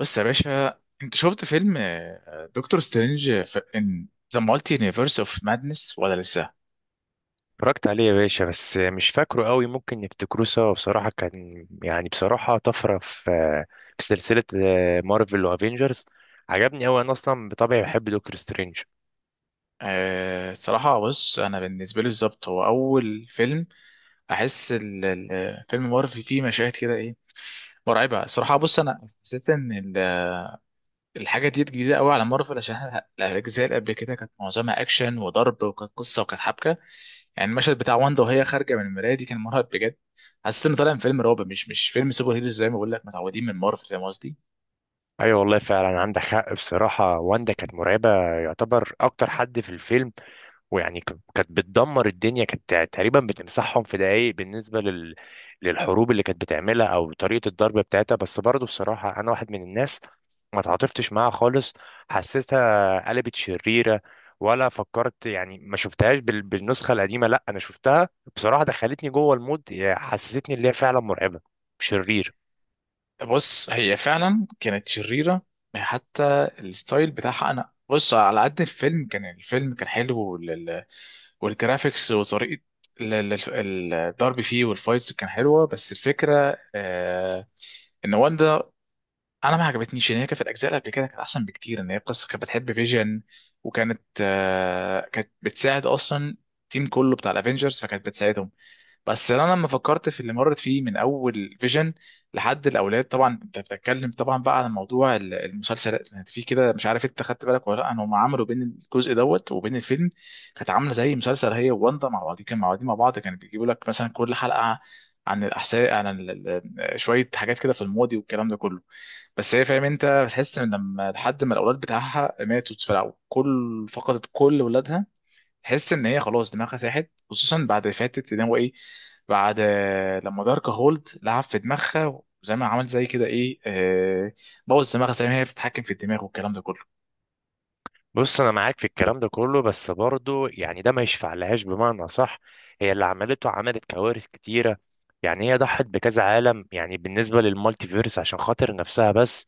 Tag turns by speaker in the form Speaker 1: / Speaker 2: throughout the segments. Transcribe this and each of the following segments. Speaker 1: بص يا باشا، انت شفت فيلم دكتور سترينج في ان ذا مالتي يونيفرس اوف مادنس ولا لسه؟
Speaker 2: اتفرجت عليه يا باشا، بس مش فاكره قوي. ممكن نفتكروه سوا. بصراحة كان يعني بصراحة طفرة في سلسلة مارفل وافينجرز. عجبني قوي، انا اصلا بطبعي بحب دكتور سترينج.
Speaker 1: أه، صراحة بص أنا بالنسبة لي بالظبط هو أول فيلم أحس فيلم مارفل فيه مشاهد كده إيه مرعبة الصراحة. بص أنا حسيت إن ال- الحاجة دي جديدة قوي على مارفل، عشان الأجزاء اللي قبل كده كانت معظمها أكشن وضرب، وكانت قصة وكانت حبكة. يعني المشهد بتاع واندا وهي خارجة من المراية دي كان مرعب بجد. حسيت إن طالع من فيلم رعب، مش فيلم سوبر هيروز زي ما بقول لك، متعودين من مارفل، فاهم قصدي.
Speaker 2: ايوه والله فعلا عندك حق. بصراحة واندا كانت مرعبة، يعتبر اكتر حد في الفيلم، ويعني كانت بتدمر الدنيا، كانت تقريبا بتمسحهم في دقايق. بالنسبة للحروب اللي كانت بتعملها أو طريقة الضرب بتاعتها. بس برضه بصراحة أنا واحد من الناس ما تعاطفتش معاها خالص، حسيتها قلبت شريرة ولا فكرت. يعني ما شفتهاش بالنسخة القديمة، لا أنا شفتها، بصراحة دخلتني جوه المود، حسستني اللي هي فعلا مرعبة، شرير.
Speaker 1: بص هي فعلا كانت شريرة، حتى الستايل بتاعها. انا بص، على قد الفيلم، كان الفيلم كان حلو والجرافيكس وطريقة الضرب فيه والفايتس كان حلوة، بس الفكرة ان واندا، انا ما عجبتنيش ان هي كانت. في الاجزاء اللي قبل كده كانت احسن بكتير، ان هي قصة كانت بتحب فيجن، وكانت آه كانت بتساعد اصلا التيم كله بتاع الافينجرز، فكانت بتساعدهم. بس انا لما فكرت في اللي مرت فيه من اول فيجن لحد الاولاد. طبعا انت بتتكلم طبعا بقى عن موضوع المسلسل، يعني في كده، مش عارف انت خدت بالك ولا لا، هم عملوا بين الجزء دوت وبين الفيلم كانت عامله زي مسلسل، هي وواندا مع بعض، كان مع بعض كانوا بيجيبوا لك مثلا كل حلقه عن الاحساء، عن شويه حاجات كده في الماضي والكلام ده كله. بس هي، فاهم، انت بتحس ان لحد ما الاولاد بتاعها ماتوا في الأول، فقدت كل ولادها، تحس ان هي خلاص دماغها ساحت، خصوصا بعد فاتت ان هو ايه، بعد لما دارك هولد لعب في دماغها، وزي ما عمل زي كده ايه، بوظ دماغها زي ما هي بتتحكم في الدماغ والكلام ده كله.
Speaker 2: بص انا معاك في الكلام ده كله، بس برضو يعني ده ما يشفع لهاش بمعنى صح. هي اللي عملته، عملت كوارث كتيره، يعني هي ضحت بكذا عالم يعني بالنسبه للمالتي فيرس عشان خاطر نفسها بس.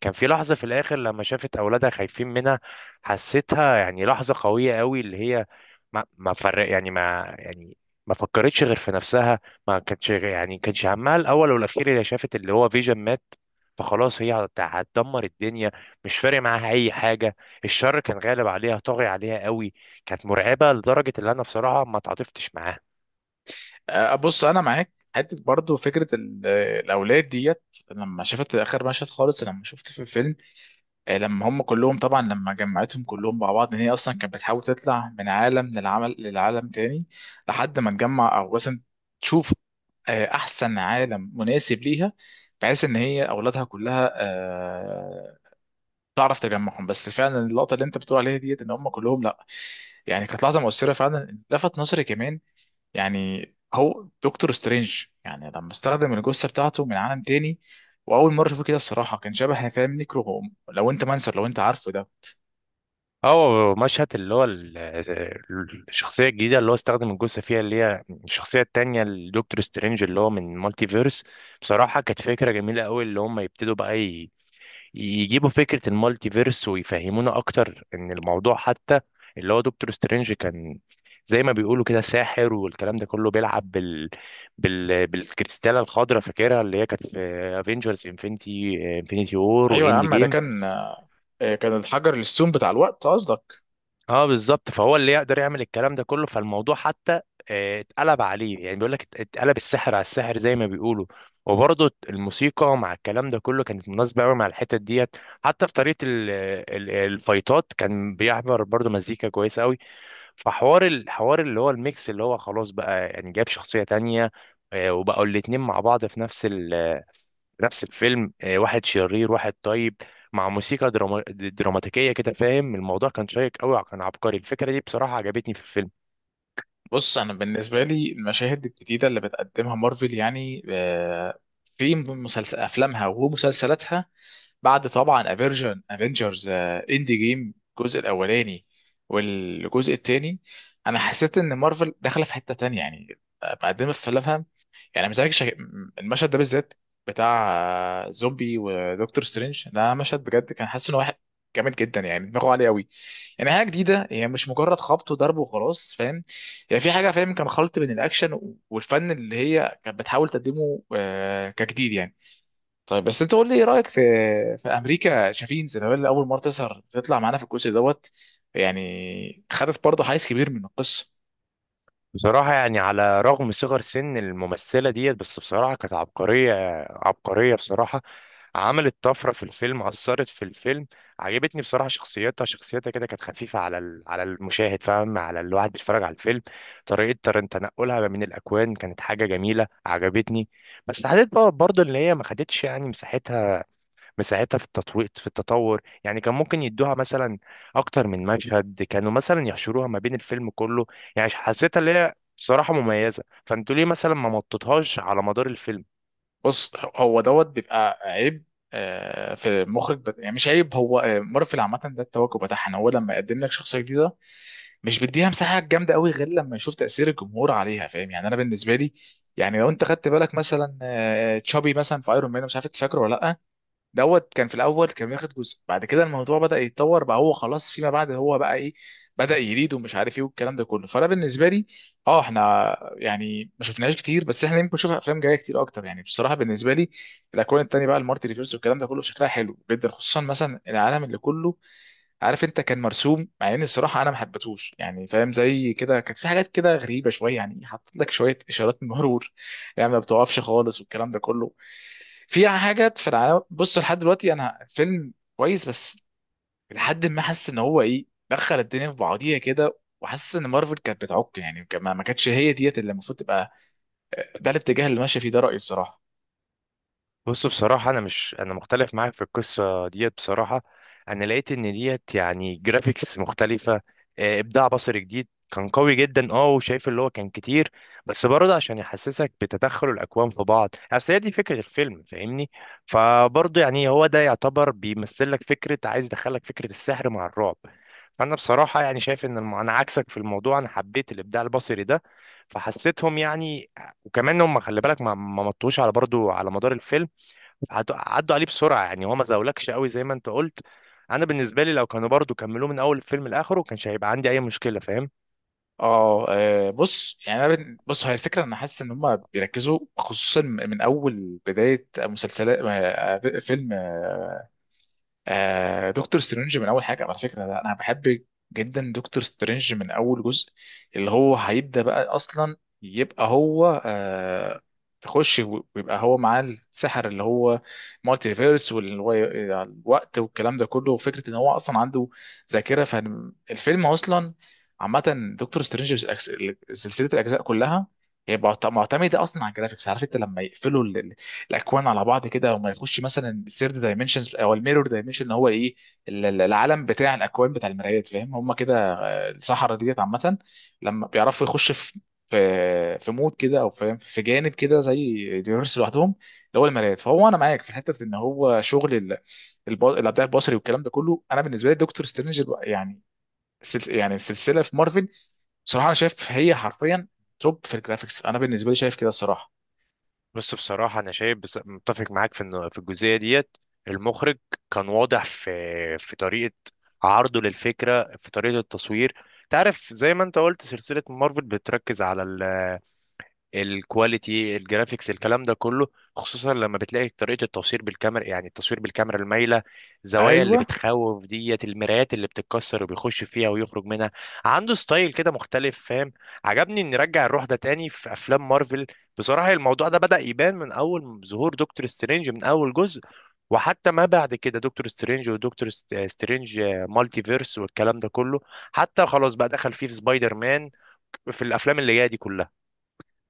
Speaker 2: كان في لحظه في الاخر لما شافت اولادها خايفين منها، حسيتها يعني لحظه قويه قوي، اللي هي ما فرق يعني ما فكرتش غير في نفسها، ما كانتش يعني كانش همها الاول والاخير. هي شافت اللي هو فيجن مات، فخلاص هي هتدمر الدنيا، مش فارق معاها اي حاجه. الشر كان غالب عليها، طاغي عليها قوي، كانت مرعبه لدرجه ان انا بصراحه ما تعاطفتش معاها.
Speaker 1: بص انا معاك حته، برضو فكره الاولاد ديت. لما شفت اخر مشهد خالص، لما شفت في الفيلم لما هم كلهم طبعا، لما جمعتهم كلهم مع بعض، ان هي اصلا كانت بتحاول تطلع من عالم للعمل، للعالم تاني، لحد ما تجمع او مثلا تشوف احسن عالم مناسب ليها، بحيث ان هي اولادها كلها تعرف تجمعهم. بس فعلا اللقطه اللي انت بتقول عليها ديت، ان هم كلهم لا، يعني كانت لحظه مؤثره فعلا، لفت نظري كمان. يعني هو دكتور سترينج، يعني لما استخدم الجثه بتاعته من عالم تاني، واول مره اشوفه كده الصراحه، كان شبه فاهم نيكرو، لو انت منسر، لو انت عارفه ده.
Speaker 2: او مشهد اللي هو الشخصيه الجديده اللي هو استخدم الجثه فيها، اللي هي الشخصيه التانيه الدكتور سترينج اللي هو من مالتي فيرس، بصراحه كانت فكره جميله قوي اللي هم يبتدوا بقى يجيبوا فكرة المالتي فيرس ويفهمونا أكتر إن الموضوع حتى اللي هو دكتور سترينج كان زي ما بيقولوا كده ساحر، والكلام ده كله بيلعب بالكريستالة الخضراء، فاكرها اللي هي كانت في افنجرز انفنتي وور
Speaker 1: ايوه يا
Speaker 2: واند
Speaker 1: عم، ده
Speaker 2: جيم.
Speaker 1: كان كان الحجر السوم بتاع الوقت قصدك.
Speaker 2: اه بالظبط، فهو اللي يقدر يعمل الكلام ده كله. فالموضوع حتى اتقلب عليه، يعني بيقول لك اتقلب السحر على السحر زي ما بيقولوا. وبرضه الموسيقى مع الكلام ده كله كانت مناسبة قوي مع الحتت ديت، حتى في طريقة الفايتات كان بيعبر برضه مزيكا كويسة قوي. فحوار الحوار اللي هو الميكس اللي هو خلاص بقى يعني جاب شخصية تانية، وبقوا الاتنين مع بعض في نفس الفيلم، واحد شرير واحد طيب، مع موسيقى دراما دراماتيكية كده فاهم. الموضوع كان شيق قوي، كان عبقري. الفكرة دي بصراحة عجبتني في الفيلم.
Speaker 1: بص انا بالنسبه لي، المشاهد الجديده اللي بتقدمها مارفل، يعني في مسلسل افلامها ومسلسلاتها، بعد طبعا افيرجن افنجرز اند جيم، الجزء الاولاني والجزء الثاني، انا حسيت ان مارفل داخله في حته تانية، يعني مقدمه في افلامها، يعني مزعج المشهد ده بالذات، بتاع زومبي ودكتور سترينج، ده مشهد بجد، كان حاسس ان واحد جامد جدا، يعني دماغه عاليه قوي. يعني حاجه جديده، هي مش مجرد خبط وضرب وخلاص، فاهم، هي في حاجه، فاهم، كان خلط بين الاكشن والفن اللي هي كانت بتحاول تقدمه كجديد يعني. طيب بس انت قول لي ايه رايك في امريكا شافين زي، اللي اول مره تظهر تطلع معانا في الجزء دوت، يعني خدت برضه حيز كبير من القصه.
Speaker 2: بصراحة يعني على رغم صغر سن الممثلة ديت، بس بصراحة كانت عبقرية، عبقرية بصراحة. عملت طفرة في الفيلم، أثرت في الفيلم. عجبتني بصراحة شخصيتها، شخصيتها كده كانت خفيفة على المشاهد، فاهم، على الواحد بيتفرج على الفيلم. طريقة تنقلها من الأكوان كانت حاجة جميلة، عجبتني. بس حسيت بقى برضه إن هي ما خدتش يعني مساحتها، مساعدتها في التطوير في التطور. يعني كان ممكن يدوها مثلا اكتر من مشهد، كانوا مثلا يحشروها ما بين الفيلم كله. يعني حسيتها اللي هي بصراحة مميزة، فانتوا ليه مثلا ما مططوهاش على مدار الفيلم؟
Speaker 1: بص هو دوت بيبقى عيب في المخرج يعني مش عيب، هو مارفل عامة ده التوجه بتاعها، ان هو لما يقدم لك شخصية جديدة، مش بيديها مساحة جامدة قوي غير لما يشوف تأثير الجمهور عليها، فاهم، يعني انا بالنسبة لي يعني لو انت خدت بالك مثلا تشابي مثلا في ايرون مان، مش عارف انت فاكره ولا لا، دوت كان في الاول كان بياخد جزء، بعد كده الموضوع بدا يتطور، بقى هو خلاص فيما بعد هو بقى ايه، بدا يريد ومش عارف ايه والكلام ده كله. فانا بالنسبه لي، اه، احنا يعني ما شفناهاش كتير، بس احنا يمكن نشوف افلام جايه كتير اكتر، يعني بصراحه بالنسبه لي الاكوان التانيه بقى المارتي ريفيرس والكلام ده كله شكلها حلو جدا، خصوصا مثلا العالم اللي كله، عارف انت، كان مرسوم. مع ان الصراحه انا ما حبيتهوش، يعني فاهم، زي كده كانت في حاجات كده غريبه شويه، يعني حاطط لك شويه اشارات مرور يعني ما بتوقفش خالص والكلام ده كله، في حاجات في العالم. بص، لحد دلوقتي، انا فيلم كويس، بس لحد ما حاسس ان هو ايه، دخل الدنيا في بعضيها كده، وحاسس ان مارفل كانت بتعك يعني، ما كانتش هي ديت اللي المفروض تبقى ده الاتجاه اللي ماشيه فيه، ده رايي الصراحه.
Speaker 2: بص بصراحة أنا مش أنا مختلف معاك في القصة ديت. بصراحة أنا لقيت إن ديت يعني جرافيكس مختلفة، إبداع بصري جديد، كان قوي جدا، أه، وشايف اللي هو كان كتير. بس برضه عشان يحسسك بتدخل الأكوان في بعض، أصل هي دي فكرة الفيلم فاهمني. فبرضه يعني هو ده يعتبر بيمثل لك فكرة، عايز يدخلك فكرة السحر مع الرعب. فأنا بصراحة يعني شايف إن أنا عكسك في الموضوع، أنا حبيت الإبداع البصري ده، فحسيتهم يعني. وكمان هم خلي بالك ما مطوش على برضه على مدار الفيلم، عدوا عليه بسرعه، يعني هو ما زاولكش قوي زي ما انت قلت. انا بالنسبه لي لو كانوا برضو كملوه من اول الفيلم لاخره، ما كانش هيبقى عندي اي مشكله، فاهم.
Speaker 1: اه، بص يعني انا بص هي الفكره، انا حاسس ان هم بيركزوا، خصوصا من اول بدايه مسلسلات فيلم دكتور سترينج. من اول حاجه، على فكره، ده انا بحب جدا دكتور سترينج من اول جزء، اللي هو هيبدا بقى اصلا، يبقى هو تخش ويبقى هو معاه السحر، اللي هو مالتي فيرس والوقت والكلام ده كله، وفكره ان هو اصلا عنده ذاكره. فالفيلم اصلا، عامه، دكتور سترينج سلسله الاجزاء كلها، هي معتمده اصلا على الجرافيكس. عارف انت لما يقفلوا الاكوان على بعض كده، وما يخش مثلا الثيرد دايمنشنز او الميرور دايمنشن، اللي هو ايه العالم بتاع الاكوان بتاع المرايات، فاهم، هم كده الصحراء ديت عامه، لما بيعرفوا يخش في في مود كده او فاهم في جانب كده زي اليونيفرس لوحدهم، اللي هو المرايات. فهو انا معاك في حته ان هو شغل الابداع البصري والكلام ده كله، انا بالنسبه لي دكتور سترينج يعني يعني السلسله في مارفل، بصراحه انا شايف هي حرفيا توب في الجرافيكس، انا بالنسبه لي شايف كده الصراحه.
Speaker 2: بس بصراحه انا شايف، بس متفق معاك في انه في الجزئيه ديت المخرج كان واضح في في طريقه عرضه للفكره، في طريقه التصوير. تعرف زي ما انت قلت سلسله مارفل بتركز على الكواليتي، الجرافيكس، الكلام ده كله، خصوصا لما بتلاقي طريقة التصوير بالكاميرا، يعني التصوير بالكاميرا المايلة، زوايا اللي
Speaker 1: ايوه،
Speaker 2: بتخوف ديت، المرايات اللي بتتكسر وبيخش فيها ويخرج منها. عنده ستايل كده مختلف فاهم، عجبني ان نرجع الروح ده تاني في افلام مارفل. بصراحة الموضوع ده بدأ يبان من اول ظهور دكتور سترينج من اول جزء، وحتى ما بعد كده دكتور سترينج، ودكتور سترينج مالتي فيرس والكلام ده كله. حتى خلاص بقى دخل فيه في سبايدر مان، في الافلام اللي جايه دي كلها.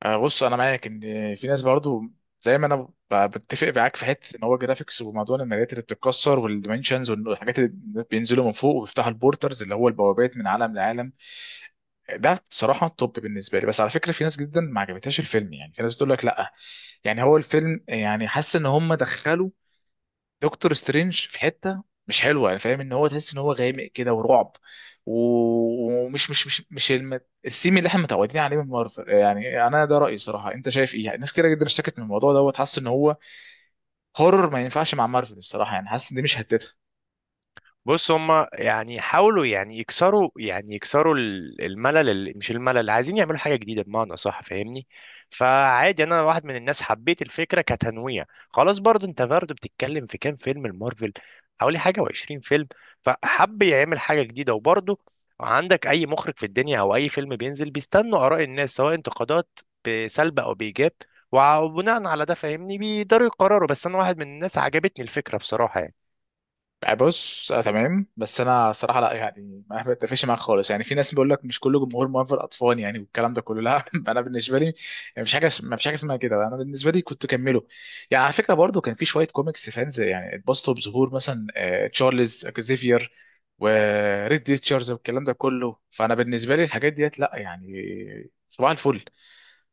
Speaker 1: بص انا معاك ان في ناس برضو، زي ما انا بتفق معاك في حته ان هو جرافيكس وموضوع الماليات اللي بتتكسر والديمنشنز والحاجات اللي بينزلوا من فوق وبيفتحوا البورترز، اللي هو البوابات من عالم لعالم، ده صراحه توب بالنسبه لي. بس على فكره، في ناس جدا ما عجبتهاش الفيلم، يعني في ناس بتقول لك لا، يعني هو الفيلم، يعني حاسس ان هم دخلوا دكتور سترينج في حته مش حلوه، يعني فاهم، ان هو تحس ان هو غامق كده ورعب، ومش مش مش مش السيم اللي احنا متعودين عليه من مارفل. يعني انا ده رايي صراحه، انت شايف ايه؟ يعني ناس كده جدا اشتكت من الموضوع دوت، حاسس ان هو هورر، ما ينفعش مع مارفل الصراحه، يعني حاسس ان دي مش هتتها.
Speaker 2: بص هما يعني حاولوا يعني يكسروا يعني الملل، ال- مش الملل عايزين يعملوا حاجة جديدة بمعنى صح فاهمني. فعادي انا واحد من الناس حبيت الفكرة كتنويع، خلاص. برضه انت برضه بتتكلم في كام فيلم المارفل؟ حوالي حاجة وعشرين فيلم. فحب يعمل حاجة جديدة. وبرضه عندك اي مخرج في الدنيا او اي فيلم بينزل بيستنوا اراء الناس، سواء انتقادات بسلب او بايجاب، وبناء على ده فاهمني بيقدروا يقرروا. بس انا واحد من الناس عجبتني الفكرة بصراحة يعني.
Speaker 1: بص، آه تمام، بس انا صراحه لا، يعني ما بتفقش معاك خالص. يعني في ناس بيقول لك مش كله جمهور مؤهل اطفال يعني والكلام ده كله، لا انا بالنسبه لي يعني مش حاجه، ما فيش حاجه اسمها كده، انا بالنسبه لي كنت كمله. يعني على فكره، برضو كان في شويه كوميكس فانز، يعني اتبسطوا بظهور مثلا تشارلز اكزيفير وريد ريتشاردز والكلام ده كله، فانا بالنسبه لي الحاجات ديت لا يعني. صباح الفل.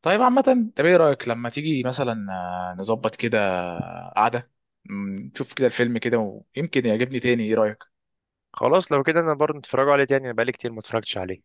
Speaker 1: طيب عامة، طب ايه رأيك لما تيجي مثلا نظبط كده قعدة، نشوف كده الفيلم كده، ويمكن يعجبني تاني، ايه رأيك؟
Speaker 2: خلاص لو كده انا برضه اتفرجوا عليه تاني، انا بقالي كتير ما اتفرجتش عليه